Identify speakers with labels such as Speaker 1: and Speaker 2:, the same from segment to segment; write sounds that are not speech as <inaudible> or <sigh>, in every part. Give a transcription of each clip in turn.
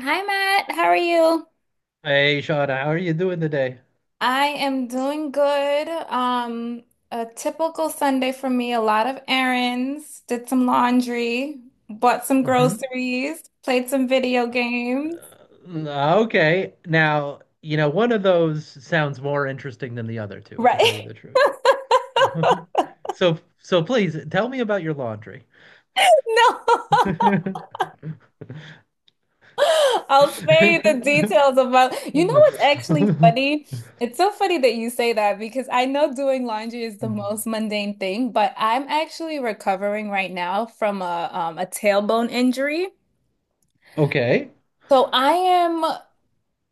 Speaker 1: Hi Matt, how are you?
Speaker 2: Hey, Shauna, how are you doing today?
Speaker 1: I am doing good. A typical Sunday for me, a lot of errands, did some laundry, bought some
Speaker 2: hmm
Speaker 1: groceries, played some video games.
Speaker 2: Okay. Now, you know, one of those sounds more interesting than the other two, to tell
Speaker 1: Right?
Speaker 2: you
Speaker 1: <laughs>
Speaker 2: the truth. Yeah. <laughs> So please tell me about your laundry.
Speaker 1: No.
Speaker 2: <laughs>
Speaker 1: <laughs> I'll spare you the details about. You know what's actually funny? It's so funny that you say that because I know doing laundry is the most mundane thing, but I'm actually recovering right now from a tailbone injury.
Speaker 2: Okay.
Speaker 1: So I am.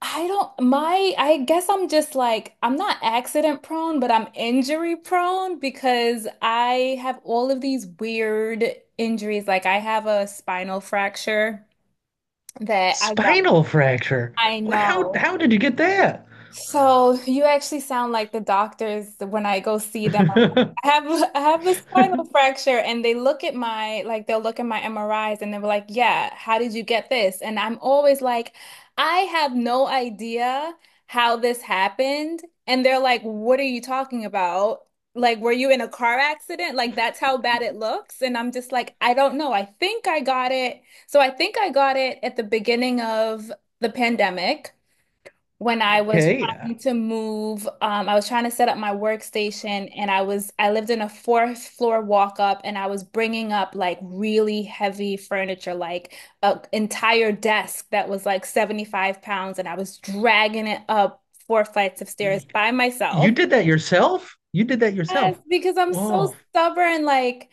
Speaker 1: I don't, my, I guess I'm just like, I'm not accident prone, but I'm injury prone because I have all of these weird injuries. Like I have a spinal fracture that I got.
Speaker 2: Spinal fracture.
Speaker 1: I
Speaker 2: Wh- How
Speaker 1: know.
Speaker 2: how did you get that?
Speaker 1: So you actually sound like the doctors when I go see them. I
Speaker 2: <laughs>
Speaker 1: have I have a spinal fracture and they look at my like they'll look at my MRIs and they were like, "Yeah, how did you get this?" And I'm always like, "I have no idea how this happened." And they're like, "What are you talking about? Like, were you in a car accident? Like that's how bad it looks." And I'm just like, "I don't know. I think I got it." So I think I got it at the beginning of the pandemic when I was
Speaker 2: Okay.
Speaker 1: trying to move. I was trying to set up my workstation and I lived in a fourth floor walk up and I was bringing up like really heavy furniture, like an entire desk that was like 75 pounds and I was dragging it up four flights of stairs
Speaker 2: Y-
Speaker 1: by
Speaker 2: You
Speaker 1: myself.
Speaker 2: did that yourself? You did that
Speaker 1: Yes,
Speaker 2: yourself.
Speaker 1: because I'm
Speaker 2: Whoa.
Speaker 1: so stubborn, like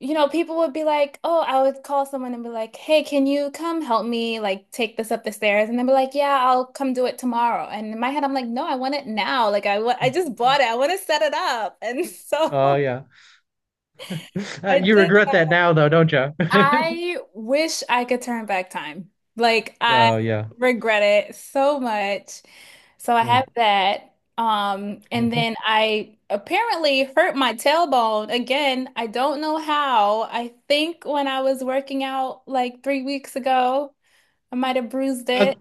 Speaker 1: you know, people would be like, oh, I would call someone and be like, hey, can you come help me like take this up the stairs? And they'd be like, yeah, I'll come do it tomorrow. And in my head, I'm like, no, I want it now. Like I just bought it. I want to set it up. And
Speaker 2: Oh
Speaker 1: so
Speaker 2: yeah. <laughs>
Speaker 1: <laughs> I
Speaker 2: You
Speaker 1: did.
Speaker 2: regret that now, though, don't you? <laughs>
Speaker 1: I wish I could turn back time. Like I
Speaker 2: Oh, yeah.
Speaker 1: regret it so much. So I have
Speaker 2: Mm.
Speaker 1: that. And
Speaker 2: Uh,
Speaker 1: then I apparently hurt my tailbone again. I don't know how. I think when I was working out like 3 weeks ago, I might have bruised it.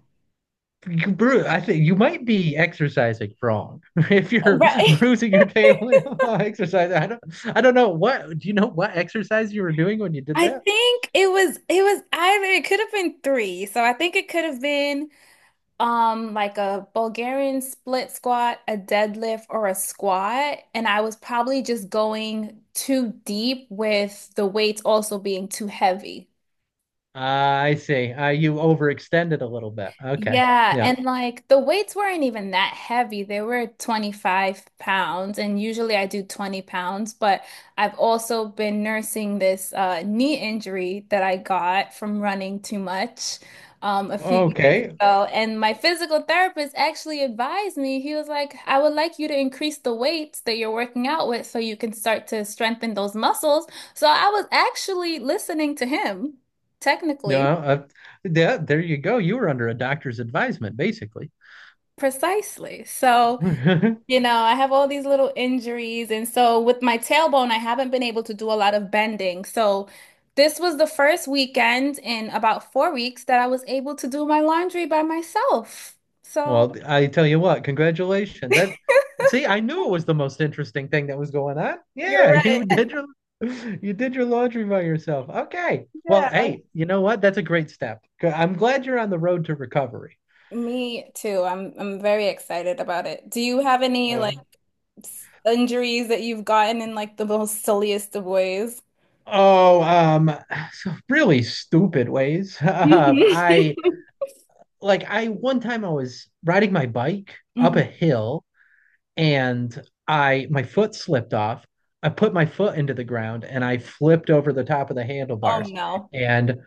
Speaker 2: you bru I think you might be exercising wrong <laughs> if you're
Speaker 1: Right.
Speaker 2: bruising
Speaker 1: <laughs>
Speaker 2: your table. <laughs> Exercise. I don't. I don't know what. Do you know what exercise you were doing when you did
Speaker 1: I
Speaker 2: that?
Speaker 1: think it was either it could have been three. So I think it could have been, like a Bulgarian split squat, a deadlift, or a squat. And I was probably just going too deep with the weights also being too heavy.
Speaker 2: Ah, I see. You overextended a little bit. Okay.
Speaker 1: Yeah,
Speaker 2: Yeah.
Speaker 1: and like the weights weren't even that heavy. They were 25 pounds, and usually I do 20 pounds, but I've also been nursing this knee injury that I got from running too much a few years
Speaker 2: Okay.
Speaker 1: ago. And my physical therapist actually advised me, he was like, I would like you to increase the weights that you're working out with so you can start to strengthen those muscles. So I was actually listening to him,
Speaker 2: No.
Speaker 1: technically.
Speaker 2: Yeah, there you go. You were under a doctor's advisement, basically.
Speaker 1: Precisely. So
Speaker 2: <laughs>
Speaker 1: you know, I have all these little injuries. And so with my tailbone, I haven't been able to do a lot of bending. So this was the first weekend in about 4 weeks that I was able to do my laundry by myself. So
Speaker 2: Well, I tell you what, congratulations. That See, I knew it was the most interesting thing that was going on.
Speaker 1: you're
Speaker 2: Yeah, <laughs>
Speaker 1: right.
Speaker 2: you did
Speaker 1: <laughs>
Speaker 2: your <laughs> you did your laundry by yourself. Okay. Well,
Speaker 1: Yeah.
Speaker 2: hey, you know what? That's a great step. I'm glad you're on the road to recovery.
Speaker 1: Me too. I'm very excited about it. Do you have any like
Speaker 2: Uh,
Speaker 1: injuries that you've gotten in like the most silliest of ways?
Speaker 2: oh, um, <sighs> so really stupid ways. <laughs>
Speaker 1: <laughs> Mhm.
Speaker 2: I like I one time I was riding my bike up a
Speaker 1: Mhm.
Speaker 2: hill and I my foot slipped off. I put my foot into the ground and I flipped over the top of the
Speaker 1: Oh
Speaker 2: handlebars
Speaker 1: no.
Speaker 2: and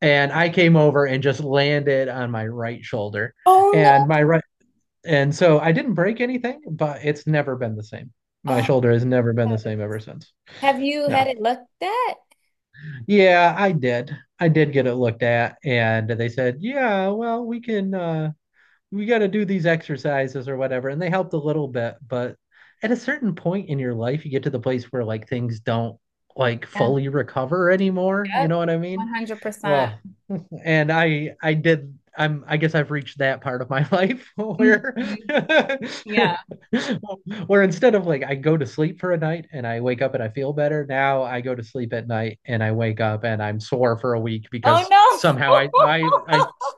Speaker 2: and I came over and just landed on my right shoulder
Speaker 1: Oh no.
Speaker 2: and my right and so I didn't break anything, but it's never been the same. My
Speaker 1: Oh,
Speaker 2: shoulder has never been the
Speaker 1: God.
Speaker 2: same ever since.
Speaker 1: Have you had
Speaker 2: Yeah.
Speaker 1: it looked at?
Speaker 2: Yeah, I did. I did get it looked at and they said, "Yeah, well, we can we got to do these exercises or whatever," and they helped a little bit, but at a certain point in your life you get to the place where like things don't like
Speaker 1: Yeah.
Speaker 2: fully recover anymore, you
Speaker 1: Yep,
Speaker 2: know what I mean?
Speaker 1: 100% percent.
Speaker 2: Well, and I did. I'm I Guess I've reached that part of my life where
Speaker 1: Mhm.
Speaker 2: <laughs>
Speaker 1: Yeah.
Speaker 2: where instead of like I go to sleep for a night and I wake up and I feel better, now I go to sleep at night and I wake up and I'm sore for a week
Speaker 1: Oh
Speaker 2: because somehow
Speaker 1: no. <laughs>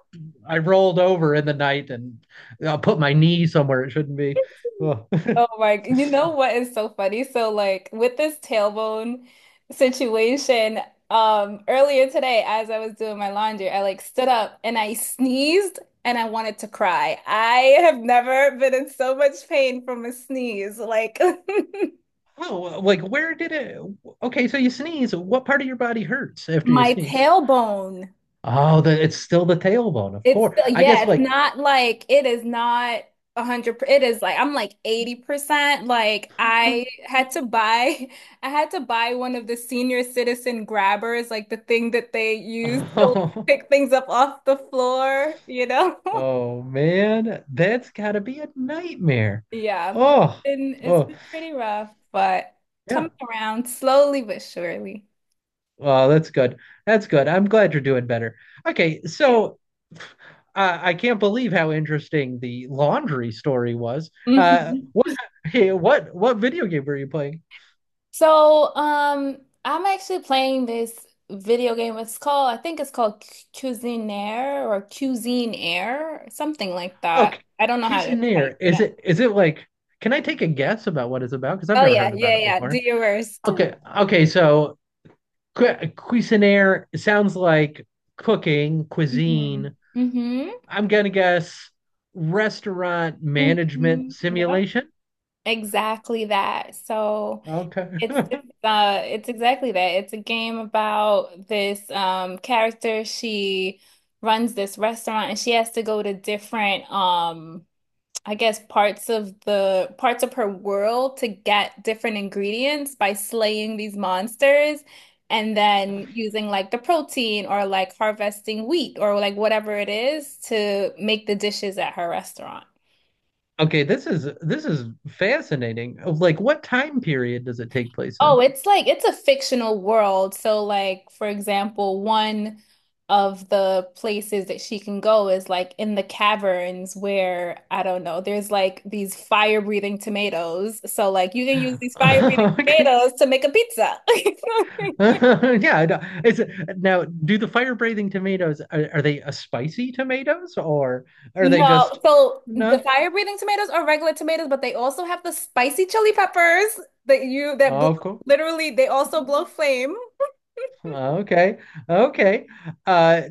Speaker 2: I rolled over in the night and I put my knee somewhere it shouldn't be. Oh.
Speaker 1: You know what is so funny? So like with this tailbone situation, earlier today as I was doing my laundry, I like stood up and I sneezed and I wanted to cry. I have never been in so much pain from a sneeze. Like <laughs>
Speaker 2: <laughs> Oh, like where did it? Okay, so you sneeze. What part of your body hurts after you
Speaker 1: my
Speaker 2: sneeze?
Speaker 1: tailbone.
Speaker 2: Oh, the it's still the tailbone, of
Speaker 1: It's
Speaker 2: course. I
Speaker 1: yeah,
Speaker 2: guess
Speaker 1: it's
Speaker 2: like
Speaker 1: not like it is not 100%. It is like I'm like 80%. Like I
Speaker 2: <laughs>
Speaker 1: had to buy, <laughs> I had to buy one of the senior citizen grabbers, like the thing that they use to like,
Speaker 2: oh,
Speaker 1: pick things up off the floor, you know? <laughs>
Speaker 2: oh man, that's gotta be a nightmare.
Speaker 1: Yeah,
Speaker 2: Oh,
Speaker 1: it's
Speaker 2: oh
Speaker 1: been pretty rough, but
Speaker 2: yeah.
Speaker 1: coming around slowly but surely.
Speaker 2: Well, that's good. That's good. I'm glad you're doing better. Okay,
Speaker 1: Yeah.
Speaker 2: so I can't believe how interesting the laundry story was.
Speaker 1: Hmm.
Speaker 2: What, <laughs> hey, what video game were you playing?
Speaker 1: So, I'm actually playing this video game. It's called, I think it's called Cuisinaire or Cuisine Air, something like that.
Speaker 2: Okay,
Speaker 1: I don't know how to, how you
Speaker 2: Cuisinaire.
Speaker 1: pronounce it.
Speaker 2: Is it like? Can I take a guess about what it's about? Because I've
Speaker 1: Oh
Speaker 2: never
Speaker 1: yeah,
Speaker 2: heard about
Speaker 1: yeah,
Speaker 2: it
Speaker 1: yeah. Do
Speaker 2: before.
Speaker 1: your worst.
Speaker 2: Okay, okay. So Cuisinaire sounds like cooking, cuisine.
Speaker 1: Mm-hmm. Mm-hmm.
Speaker 2: I'm gonna guess restaurant
Speaker 1: Hmm.
Speaker 2: management
Speaker 1: Yep.
Speaker 2: simulation.
Speaker 1: Exactly that. So
Speaker 2: Okay.
Speaker 1: it's it's exactly that. It's a game about this character. She runs this restaurant and she has to go to different, I guess, parts of her world to get different ingredients by slaying these monsters and then
Speaker 2: <laughs>
Speaker 1: using like the protein or like harvesting wheat or like whatever it is to make the dishes at her restaurant.
Speaker 2: Okay, this is fascinating. Like, what time period does it take place
Speaker 1: Oh,
Speaker 2: in?
Speaker 1: it's like it's a fictional world. So like for example, one of the places that she can go is like in the caverns where I don't know, there's like these fire-breathing tomatoes. So like you can use these fire-breathing
Speaker 2: <laughs> Okay.
Speaker 1: tomatoes to make a pizza. <laughs>
Speaker 2: <laughs> Yeah, I know. It's now. Do the fire breathing tomatoes Are they a spicy tomatoes or are they
Speaker 1: No,
Speaker 2: just
Speaker 1: so the
Speaker 2: no?
Speaker 1: fire-breathing tomatoes are regular tomatoes, but they also have the spicy chili peppers that you that blow,
Speaker 2: Oh, of course.
Speaker 1: literally they also blow flame.
Speaker 2: Okay, okay. Uh,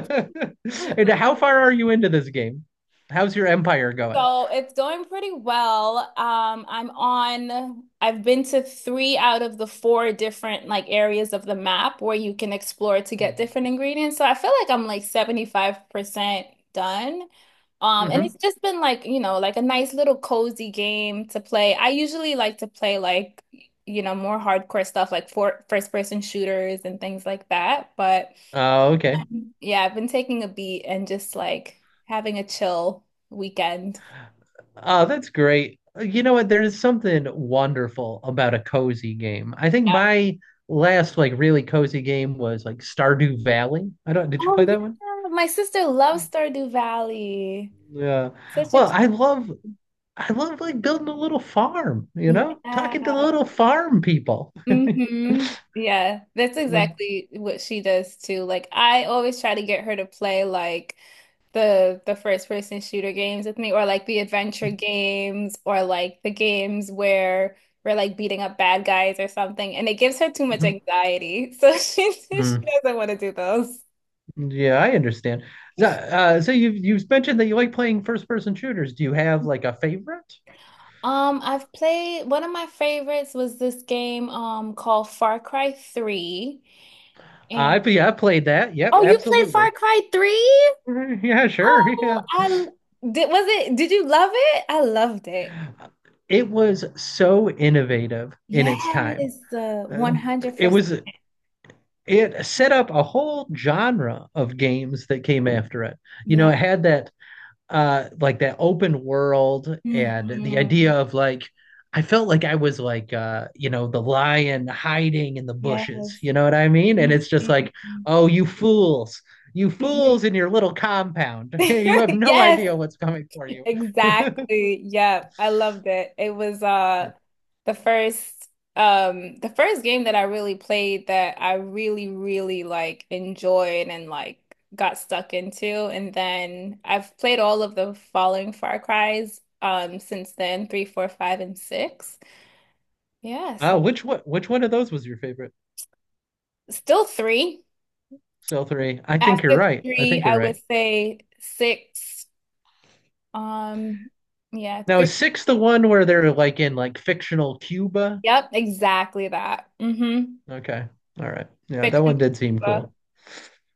Speaker 2: <laughs> and how
Speaker 1: <laughs>
Speaker 2: far are you into this game? How's your empire going?
Speaker 1: So it's going pretty well. I've been to three out of the four different like areas of the map where you can explore to get different ingredients. So I feel like I'm like 75% done. And
Speaker 2: Mm-hmm.
Speaker 1: it's just been like, you know, like a nice little cozy game to play. I usually like to play like, you know, more hardcore stuff like for first person shooters and things like that. But
Speaker 2: Oh, okay.
Speaker 1: yeah, I've been taking a beat and just like having a chill weekend.
Speaker 2: Oh, that's great. You know what? There is something wonderful about a cozy game. I think my last like really cozy game was like Stardew Valley. I don't, did you play
Speaker 1: Oh
Speaker 2: that one?
Speaker 1: yeah, my sister loves Stardew Valley.
Speaker 2: Yeah.
Speaker 1: Such a
Speaker 2: Well, I love like building a little farm, you
Speaker 1: cute,
Speaker 2: know?
Speaker 1: yeah.
Speaker 2: Talking to the little farm people.
Speaker 1: Hmm. Yeah, that's
Speaker 2: Mhm.
Speaker 1: exactly what she does too. Like I always try to get her to play like the first person shooter games with me or like the adventure games or like the games where we're like beating up bad guys or something and it gives her too much
Speaker 2: Mhm.
Speaker 1: anxiety. <laughs> So she
Speaker 2: Mm.
Speaker 1: doesn't want to do those.
Speaker 2: Yeah, I understand. So, so you've mentioned that you like playing first person shooters. Do you have like a favorite?
Speaker 1: I've played one of my favorites was this game called Far Cry 3.
Speaker 2: I
Speaker 1: And
Speaker 2: Yeah, I played that. Yep,
Speaker 1: oh, you played Far
Speaker 2: absolutely.
Speaker 1: Cry 3?
Speaker 2: <laughs> Yeah, sure.
Speaker 1: Oh,
Speaker 2: Yeah.
Speaker 1: I l- did you love it? I loved it.
Speaker 2: It was so innovative in
Speaker 1: Yes,
Speaker 2: its time. Um, It
Speaker 1: 100%.
Speaker 2: was it set up a whole genre of games that came after it. You know,
Speaker 1: Yeah.
Speaker 2: it had that like that open world and the idea
Speaker 1: Mhm.
Speaker 2: of like I felt like I was like you know, the lion hiding in the bushes,
Speaker 1: Yes.
Speaker 2: you know what I mean? And
Speaker 1: Mhm.
Speaker 2: it's just like, "Oh, you fools. You
Speaker 1: Mhm.
Speaker 2: fools in your little compound. <laughs> You have
Speaker 1: <laughs>
Speaker 2: no
Speaker 1: Yes,
Speaker 2: idea what's coming for you."
Speaker 1: exactly. Yeah, I loved it. It was the first the first game that I really played that I really really like enjoyed and like got stuck into, and then I've played all of the following Far Cries since then, three, four, five, and six. Yeah, so
Speaker 2: Which one of those was your favorite?
Speaker 1: still three.
Speaker 2: Still three. I think you're
Speaker 1: After
Speaker 2: right. I
Speaker 1: three,
Speaker 2: think you're
Speaker 1: I would
Speaker 2: right.
Speaker 1: say six. Um yeah,
Speaker 2: Now
Speaker 1: three.
Speaker 2: is six the one where they're like in like fictional Cuba?
Speaker 1: Yep, exactly that. Mm-hmm.
Speaker 2: Okay. All right. Yeah, that
Speaker 1: Fiction.
Speaker 2: one did seem cool.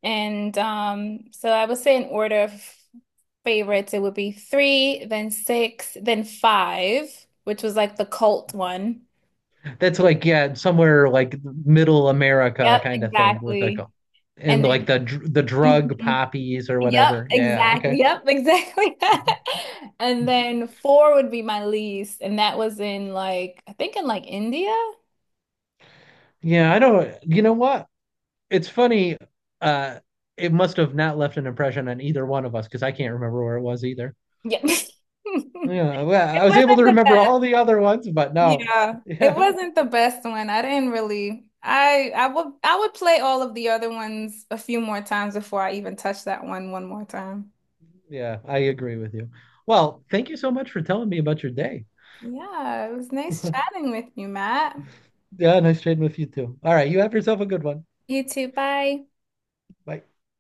Speaker 1: And so I would say in order of favorites, it would be three, then six, then five, which was like the cult one.
Speaker 2: That's like yeah, somewhere like middle America
Speaker 1: Yep,
Speaker 2: kind of thing with like
Speaker 1: exactly.
Speaker 2: a, and
Speaker 1: And
Speaker 2: like
Speaker 1: then,
Speaker 2: the the drug
Speaker 1: mhm.
Speaker 2: poppies or
Speaker 1: Yep,
Speaker 2: whatever. Yeah,
Speaker 1: exactly.
Speaker 2: okay.
Speaker 1: Yep, exactly. <laughs> And then four would be my least, and that was in like I think in like India.
Speaker 2: Yeah, I don't, you know what? It's funny, uh it must have not left an impression on either one of us because I can't remember where it was either.
Speaker 1: Yep. <laughs>
Speaker 2: Yeah, well,
Speaker 1: It
Speaker 2: I was able
Speaker 1: wasn't
Speaker 2: to
Speaker 1: the
Speaker 2: remember
Speaker 1: best.
Speaker 2: all the other ones, but no.
Speaker 1: Yeah,
Speaker 2: <laughs>
Speaker 1: it
Speaker 2: Yeah.
Speaker 1: wasn't the best one. I didn't really. I would play all of the other ones a few more times before I even touch that one one more time.
Speaker 2: Yeah, I agree with you. Well, thank you so much for telling me about your day.
Speaker 1: Yeah, it was nice
Speaker 2: <laughs>
Speaker 1: chatting with you, Matt.
Speaker 2: Yeah, nice trading with you too. All right, you have yourself a good one.
Speaker 1: You too. Bye.
Speaker 2: Bye.